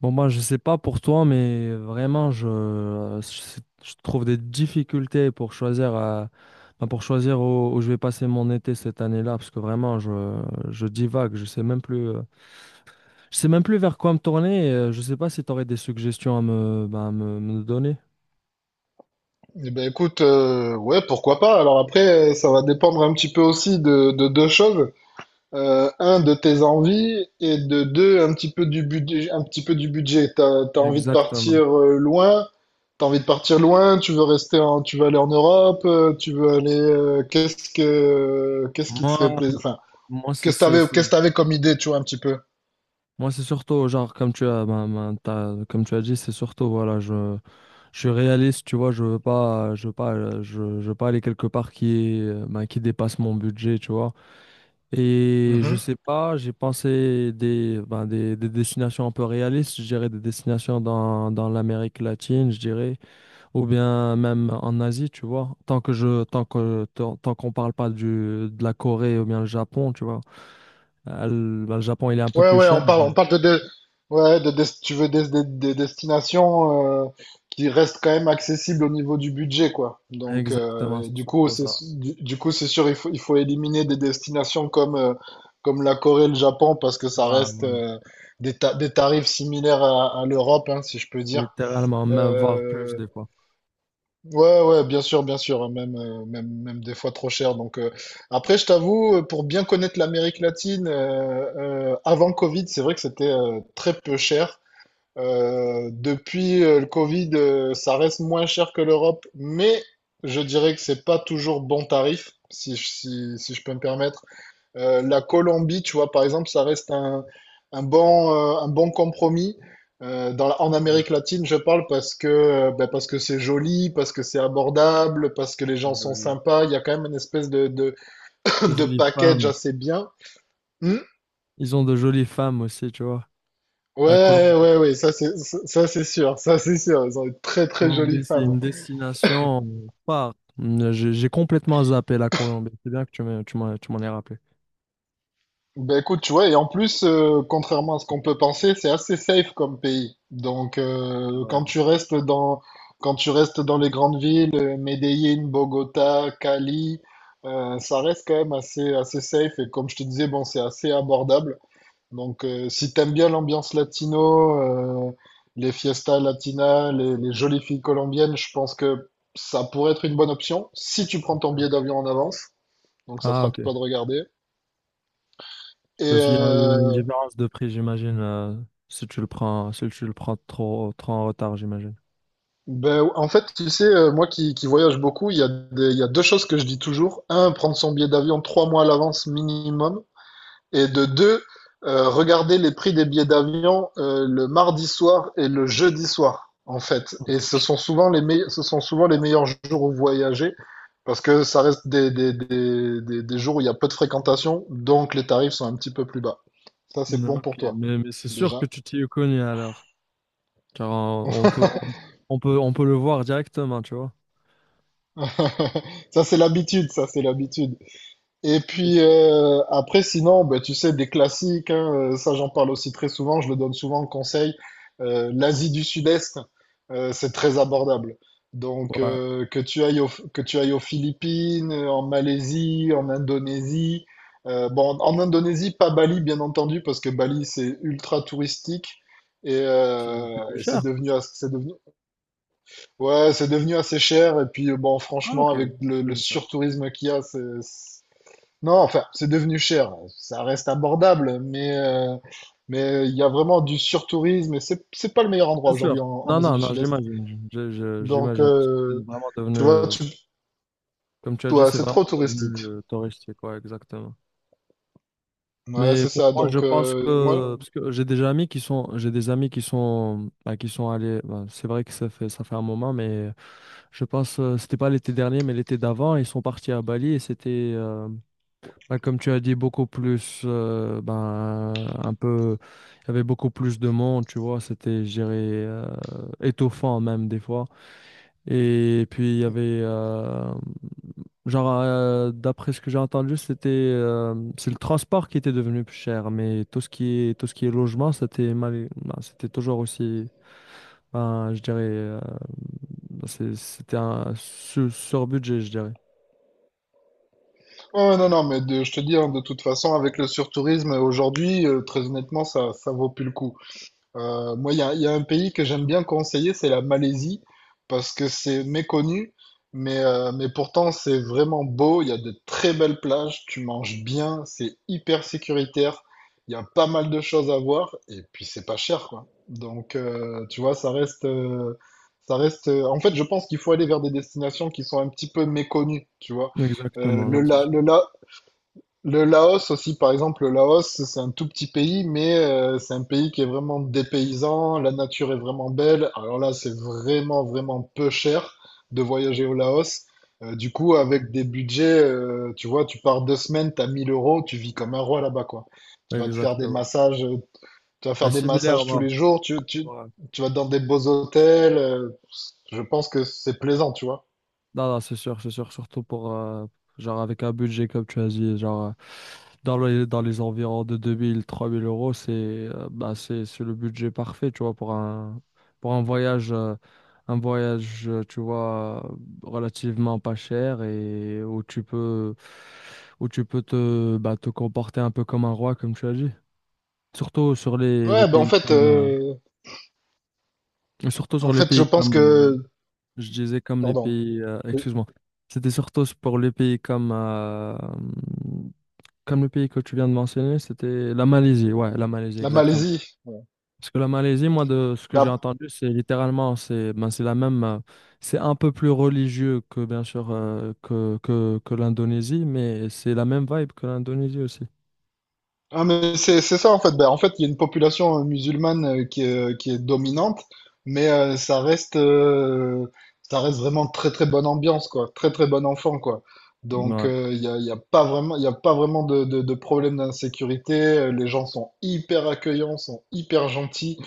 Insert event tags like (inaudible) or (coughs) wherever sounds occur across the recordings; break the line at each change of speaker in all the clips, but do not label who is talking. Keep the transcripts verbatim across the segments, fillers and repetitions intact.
Bon, moi, je sais pas pour toi, mais vraiment, je, euh, je- je trouve des difficultés pour choisir, euh, ben, pour choisir où, où je vais passer mon été cette année-là, parce que vraiment, je, je divague, je sais même plus, euh, je sais même plus vers quoi me tourner, et, euh, je sais pas si tu aurais des suggestions à me, ben, à me, me donner.
Eh ben écoute, euh, ouais, pourquoi pas. Alors après, euh, ça va dépendre un petit peu aussi de, de deux choses. Euh, un, de tes envies, et de deux, un petit peu du budget, un petit peu du budget T'as, t'as envie de
Exactement.
partir euh, loin, t'as envie de partir loin, tu veux rester en, tu veux aller en Europe, euh, tu veux aller, euh, qu'est-ce que, qu'est-ce qui te ferait
Moi,
plaisir, enfin,
moi, c'est,
qu'est-ce que
c'est-
t'avais,
c'est-
qu'est-ce que t'avais comme idée, tu vois, un petit peu.
moi, c'est surtout, genre, comme tu as, ben, ben, t'as- comme tu as dit, c'est surtout, voilà, je, je suis réaliste, tu vois, je veux pas, je veux pas, euh, je, je veux pas aller quelque part qui est, euh, ben, qui dépasse mon budget, tu vois. Et je
Mm-hmm.
sais pas, j'ai pensé des, ben, des, des destinations un peu réalistes, je dirais des destinations dans, dans l'Amérique latine, je dirais, ou bien même en Asie, tu vois. Tant que je, tant que, tant, tant qu'on parle pas du, de la Corée ou bien le Japon, tu vois. Euh, le ben, le Japon, il est un peu
Ouais,
plus
ouais,
cher.
on parle, on
Mhm.
parle de, de- ouais, de, des- tu veux des, des- des destinations euh, qui restent quand même accessibles au niveau du budget, quoi. Donc,
Exactement,
euh, et
c'est
du coup,
surtout
c'est,
ça.
du, du coup, c'est sûr, il faut, il faut éliminer des destinations comme, euh, comme la Corée, le Japon, parce que ça
Ouais,
reste
ouais.
euh, des, ta- des tarifs similaires à, à l'Europe, hein, si je peux dire.
Littéralement, même voir plus
Euh,
des fois.
Ouais, ouais, bien sûr, bien sûr, hein, même, euh, même, même des fois trop cher. Donc, euh, après, je t'avoue, euh, pour bien connaître l'Amérique latine, euh, euh, avant Covid, c'est vrai que c'était euh, très peu cher. Euh, depuis euh, le Covid, euh, ça reste moins cher que l'Europe, mais je dirais que c'est pas toujours bon tarif, si, je- si, si je peux me permettre. Euh, la Colombie, tu vois, par exemple, ça reste un, un bon, euh, un bon compromis. Euh, dans, la- en Amérique latine, je parle parce que, euh, ben, parce que c'est joli, parce que c'est abordable, parce que les gens sont
Joli.
sympas. Il y a quand même une espèce de, de, (coughs)
De
(laughs) de
jolies
package
femmes.
assez bien. Hmm.
Ils ont de jolies femmes aussi, tu vois. La Colom-
Ouais, ouais, ouais, ça c'est, ça c'est sûr, ça c'est sûr. Elles ont une
la
très très jolie
Colombie, c'est
femme.
une destination phare. Mm, J'ai j'ai complètement zappé la Colombie. C'est bien que tu m'aies- tu m'en tu m'en aies rappelé.
Ben écoute, tu vois, et en plus, euh, contrairement à ce qu'on peut penser, c'est assez safe comme pays. Donc,
C'est
euh,
vrai, hein,
quand tu restes dans, quand tu restes dans les grandes villes, euh, Medellín, Bogota, Cali, euh, ça reste quand même assez, assez safe. Et comme je te disais, bon, c'est assez abordable. Donc, euh, si t'aimes bien l'ambiance latino, euh, les fiestas latinas, les, les jolies filles colombiennes, je pense que ça pourrait être une bonne option si tu prends
c'est
ton
sûr.
billet d'avion en avance. Donc, ça
Ah,
sera à
ok.
toi de regarder. Et,
Parce qu'il y a il y a une
euh,
différence de prix, j'imagine, euh, si tu le prends, si tu le prends trop, trop en retard, j'imagine.
Ben, en fait, tu sais, euh, moi qui, qui voyage beaucoup, il y a des- il y a deux choses que je dis toujours. Un, prendre son billet d'avion trois mois à l'avance minimum. Et de deux, euh, regarder les prix des billets d'avion euh, le mardi soir et le jeudi soir, en fait. Et
Ok,
ce sont souvent les meilleurs, ce sont souvent les meilleurs jours où voyager parce que ça reste des, des, des, des, des jours où il y a peu de fréquentation, donc les tarifs sont un petit peu plus bas. Ça, c'est
non,
bon
ok.
pour toi,
mais, mais c'est sûr que
déjà.
tu t'y es connu alors. Car on, on peut, on, on peut, on peut le voir directement, tu vois.
(laughs) Ça, c'est l'habitude, ça, c'est l'habitude. Et puis euh, après, sinon, ben tu sais, des classiques, hein, euh, ça j'en parle aussi très souvent, je le donne souvent en conseil. Euh, l'Asie du Sud-Est, euh, c'est très abordable. Donc
Ouais,
euh, que tu ailles au- que tu ailles aux Philippines, euh, en Malaisie, en Indonésie. euh, bon, en Indonésie, pas Bali, bien entendu, parce que Bali, c'est ultra touristique. Et,
c'est c'est
euh,
plus
et
cher.
c'est devenu, as- c'est devenu, ouais, c'est devenu assez cher. Et puis, euh, bon,
Ah, ok,
franchement, avec le,
je,
le
je savais pas.
surtourisme qu'il y a, c'est, non, enfin, c'est devenu cher. Ça reste abordable, mais euh, mais il y a vraiment du surtourisme et c'est c'est pas le meilleur endroit
C'est sûr.
aujourd'hui en, en
Non,
Asie
non,
du
non,
Sud-Est.
j'imagine. Je- je-
Donc
J'imagine. Parce que c'est
euh,
vraiment devenu,
tu vois,
euh,
tu
comme tu as dit,
ouais,
c'est
c'est trop
vraiment devenu
touristique.
euh, touristique, ouais, exactement.
Ouais,
Mais
c'est
pour
ça.
moi, je
Donc
pense
euh,
que,
moi,
parce que j'ai des amis qui sont, j'ai des amis qui sont, bah, qui sont allés, bah, c'est vrai que ça fait, ça fait un moment, mais euh, je pense, euh, c'était pas l'été dernier, mais l'été d'avant, ils sont partis à Bali et c'était, euh, bah, comme tu as dit, beaucoup plus, euh, ben, un peu, il y avait beaucoup plus de monde, tu vois, c'était, je dirais, euh, étouffant même des fois. Et puis, il y avait, euh, genre, euh, d'après ce que j'ai entendu, c'était, euh, c'est le transport qui était devenu plus cher, mais tout ce qui est, tout ce qui est logement, c'était mal, ben, c'était toujours aussi, ben, je dirais, euh, c'est- c'était un sur- sur-budget, je dirais.
ouais, non, non, mais de- je te dis, hein, de toute façon, avec le surtourisme aujourd'hui, euh, très honnêtement, ça ça vaut plus le coup. Euh, moi, il y a, il y a un pays que j'aime bien conseiller, c'est la Malaisie, parce que c'est méconnu, mais, euh, mais pourtant c'est vraiment beau, il y a de très belles plages, tu manges bien, c'est hyper sécuritaire, il y a pas mal de choses à voir, et puis c'est pas cher, quoi. Donc, euh, tu vois, ça reste, euh, ça reste. Euh, en fait, je pense qu'il faut aller vers des destinations qui sont un petit peu méconnues, tu vois. Euh,
Exactement,
le,
non, c'est
la-
sûr.
le, la- le Laos aussi, par exemple, le Laos, c'est un tout petit pays, mais euh, c'est un pays qui est vraiment dépaysant, la nature est vraiment belle. Alors là, c'est vraiment, vraiment peu cher de voyager au Laos. Euh, du coup, avec des budgets, euh, tu vois, tu pars deux semaines, t'as mille euros, tu vis comme un roi là-bas, quoi. Tu vas te faire des
Exactement.
massages, euh, tu vas
Ouais,
faire des
similaire,
massages tous
non.
les jours, tu, tu,
Ouais.
tu vas dans des beaux hôtels. euh, je pense que c'est plaisant, tu vois.
Non, non, c'est sûr, c'est sûr. Surtout pour, euh, genre, avec un budget, comme tu as dit, genre, euh, dans les, dans les environs de deux mille trois mille euros, c'est euh, bah, c'est, c'est le budget parfait, tu vois, pour un, pour un voyage, euh, un voyage, euh, tu vois, euh, relativement pas cher et où tu peux, où tu peux te, bah, te comporter un peu comme un roi, comme tu as dit. Surtout sur les, les
Ouais, bah en
pays
fait,
comme,
euh,
euh, surtout sur
en
les
fait, je
pays
pense
comme,
que,
je disais comme les
pardon,
pays, euh, excuse-moi, c'était surtout pour les pays comme, euh, comme le pays que tu viens de mentionner, c'était la Malaisie, ouais, la Malaisie,
la
exactement.
Malaisie.
Parce que la Malaisie, moi, de ce que j'ai
Bah,
entendu, c'est littéralement, c'est ben, c'est la même, euh, c'est un peu plus religieux que, bien sûr, euh, que, que, que l'Indonésie, mais c'est la même vibe que l'Indonésie aussi.
ah, mais c'est c'est ça en fait. Bah, en fait, il y a une population euh, musulmane euh, qui est, euh, qui est dominante, mais euh, ça reste, euh, ça reste vraiment très très bonne ambiance quoi, très très bon enfant quoi. Donc
Ouais,
euh, il y a, il y a pas vraiment, il y a pas vraiment de, de, de problème d'insécurité. Euh, Les gens sont hyper accueillants, sont hyper gentils.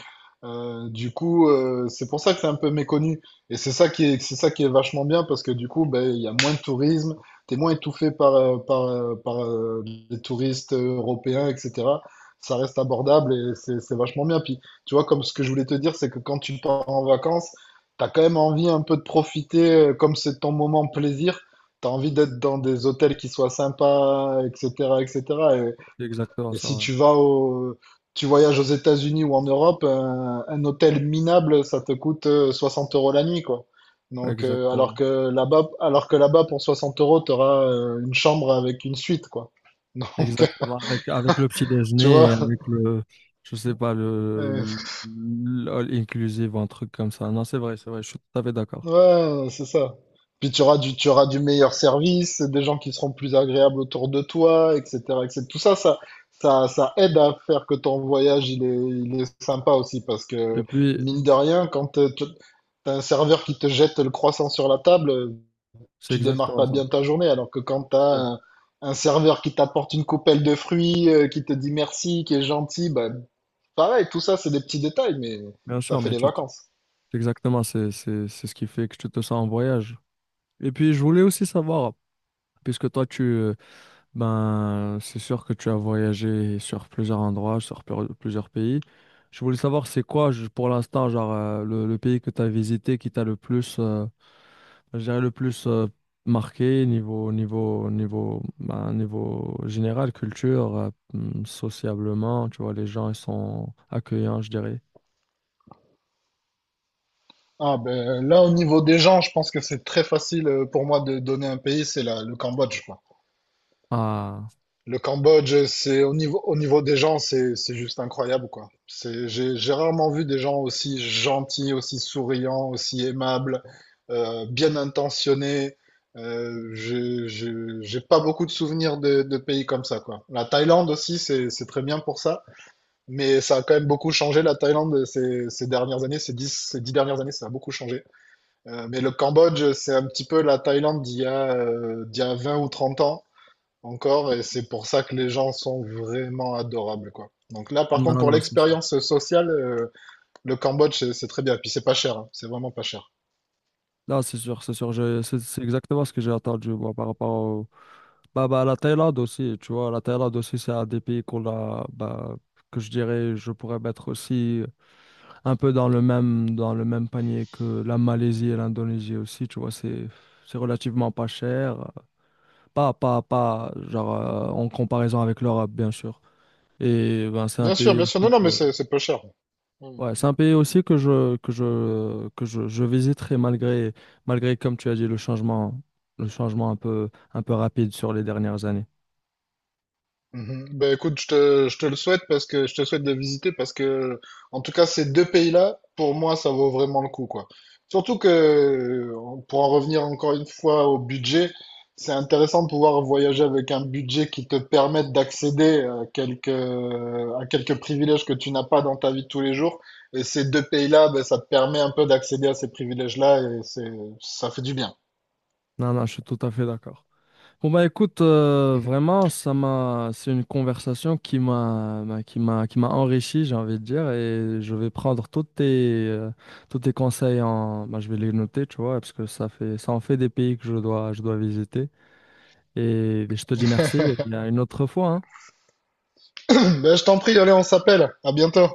Euh, du coup, euh, c'est pour ça que c'est un peu méconnu. Et c'est ça qui est, c'est ça qui est vachement bien parce que du coup, ben, il y a moins de tourisme, t'es moins étouffé par, euh, par, euh, par euh, les touristes euh, européens, et cetera. Ça reste abordable et c'est c'est vachement bien. Puis, tu vois, comme ce que je voulais te dire, c'est que quand tu pars en vacances, t'as quand même envie un peu de profiter, euh, comme c'est ton moment plaisir, t'as envie d'être dans des hôtels qui soient sympas, et cetera, et cetera.
c'est exactement
Et
ça,
si
ouais.
tu vas au, tu voyages aux États-Unis ou en Europe, un, un hôtel minable, ça te coûte euh, soixante euros la nuit, quoi. Donc, euh, alors
Exactement.
que là-bas, alors que là-bas, pour soixante euros, tu auras une chambre avec une suite, quoi. (laughs) Donc,
Exactement, avec, avec le petit
tu
déjeuner et
vois,
avec le, je sais pas,
euh,
le, le- all inclusive, un truc comme ça. Non, c'est vrai, c'est vrai, je suis tout à fait d'accord.
Ouais, c'est ça. Puis tu auras du, tu auras du meilleur service, des gens qui seront plus agréables autour de toi, et cetera, et cetera. Tout ça, ça, ça, ça aide à faire que ton voyage, il est, il est sympa aussi, parce
Et
que
puis,
mine de rien, quand euh, tu as un serveur qui te jette le croissant sur la table,
c'est
tu démarres
exactement
pas
ça.
bien ta journée, alors que quand tu as
C'est sûr.
un, un serveur qui t'apporte une coupelle de fruits, euh, qui te dit merci, qui est gentil, bah, pareil, tout ça, c'est des petits détails, mais
Bien
ça
sûr,
fait
mais
les
tu, tu-
vacances.
c'est exactement, c'est, c'est, c'est ce qui fait que tu te sens en voyage. Et puis, je voulais aussi savoir, puisque toi, tu, euh, ben, c'est sûr que tu as voyagé sur plusieurs endroits, sur pleur- plusieurs pays. Je voulais savoir, c'est quoi, je- pour l'instant, genre, euh, le, le pays que tu as visité qui t'a le plus. euh, Je dirais le plus euh, marqué, niveau niveau niveau bah, niveau général, culture, euh, hmm, sociablement, tu vois, les gens ils sont accueillants, je dirais.
Ah ben là au niveau des gens, je pense que c'est très facile euh, pour moi de donner un pays, c'est la- le Cambodge quoi.
Ah.
Le Cambodge, c'est au niveau au niveau des gens, c'est c'est juste incroyable quoi. C'est j'ai j'ai rarement vu des gens aussi gentils, aussi souriants, aussi aimables, euh, bien intentionnés. Euh, j'ai j'ai j'ai pas beaucoup de souvenirs de, de pays comme ça quoi. La Thaïlande aussi, c'est c'est très bien pour ça, mais ça a quand même beaucoup changé la Thaïlande ces ces dernières années, ces dix ces dix dernières années, ça a beaucoup changé. Euh, mais le Cambodge, c'est un petit peu la Thaïlande d'il y a, euh, d'il y a vingt ou trente ans encore, et c'est pour ça que les gens sont vraiment adorables, quoi. Donc là, par contre,
Non,
pour
non, c'est sûr.
l'expérience sociale, euh, le Cambodge, c'est c'est très bien. Et puis c'est pas cher, hein. C'est vraiment pas cher.
Non, c'est sûr, c'est sûr. je- c'est c'est exactement ce que j'ai entendu, moi, par rapport au bah, bah la Thaïlande aussi, tu vois, la Thaïlande aussi, c'est un des pays qu'on a, bah, que je dirais je pourrais mettre aussi un peu dans le même dans le même panier que la Malaisie et l'Indonésie aussi, tu vois, c'est c'est relativement pas cher. Pas, pas, pas, genre, euh, en comparaison avec l'Europe, bien sûr. Et ben, c'est un
Bien sûr,
pays
bien
aussi
sûr. Non, non,
que,
mais c'est c'est peu cher. Mm.
ouais, c'est un pays aussi que je, que je, que je, je visiterai malgré, malgré, comme tu as dit, le changement, le changement un peu, un peu rapide sur les dernières années.
Mhm. Ben écoute, je te, je te le souhaite parce que je te souhaite de visiter parce que en tout cas ces deux pays-là, pour moi, ça vaut vraiment le coup quoi. Surtout que euh, pour en revenir encore une fois au budget, c'est intéressant de pouvoir voyager avec un budget qui te permette d'accéder à quelques à quelques privilèges que tu n'as pas dans ta vie de tous les jours. Et ces deux pays-là, ben, ça te permet un peu d'accéder à ces privilèges-là et c'est ça fait du bien.
Non, non, je suis tout à fait d'accord. Bon bah écoute, euh,
(laughs)
vraiment, ça m'a, c'est une conversation qui m'a, m'a- qui m'a, qui m'a enrichi, j'ai envie de dire, et je vais prendre tous tes, euh, tous tes conseils en, bah, je vais les noter, tu vois, parce que ça fait, ça en fait des pays que je dois, je dois visiter. Et je te dis merci, et à une autre fois, hein.
Ben, je t'en prie, allez, on s'appelle. À bientôt.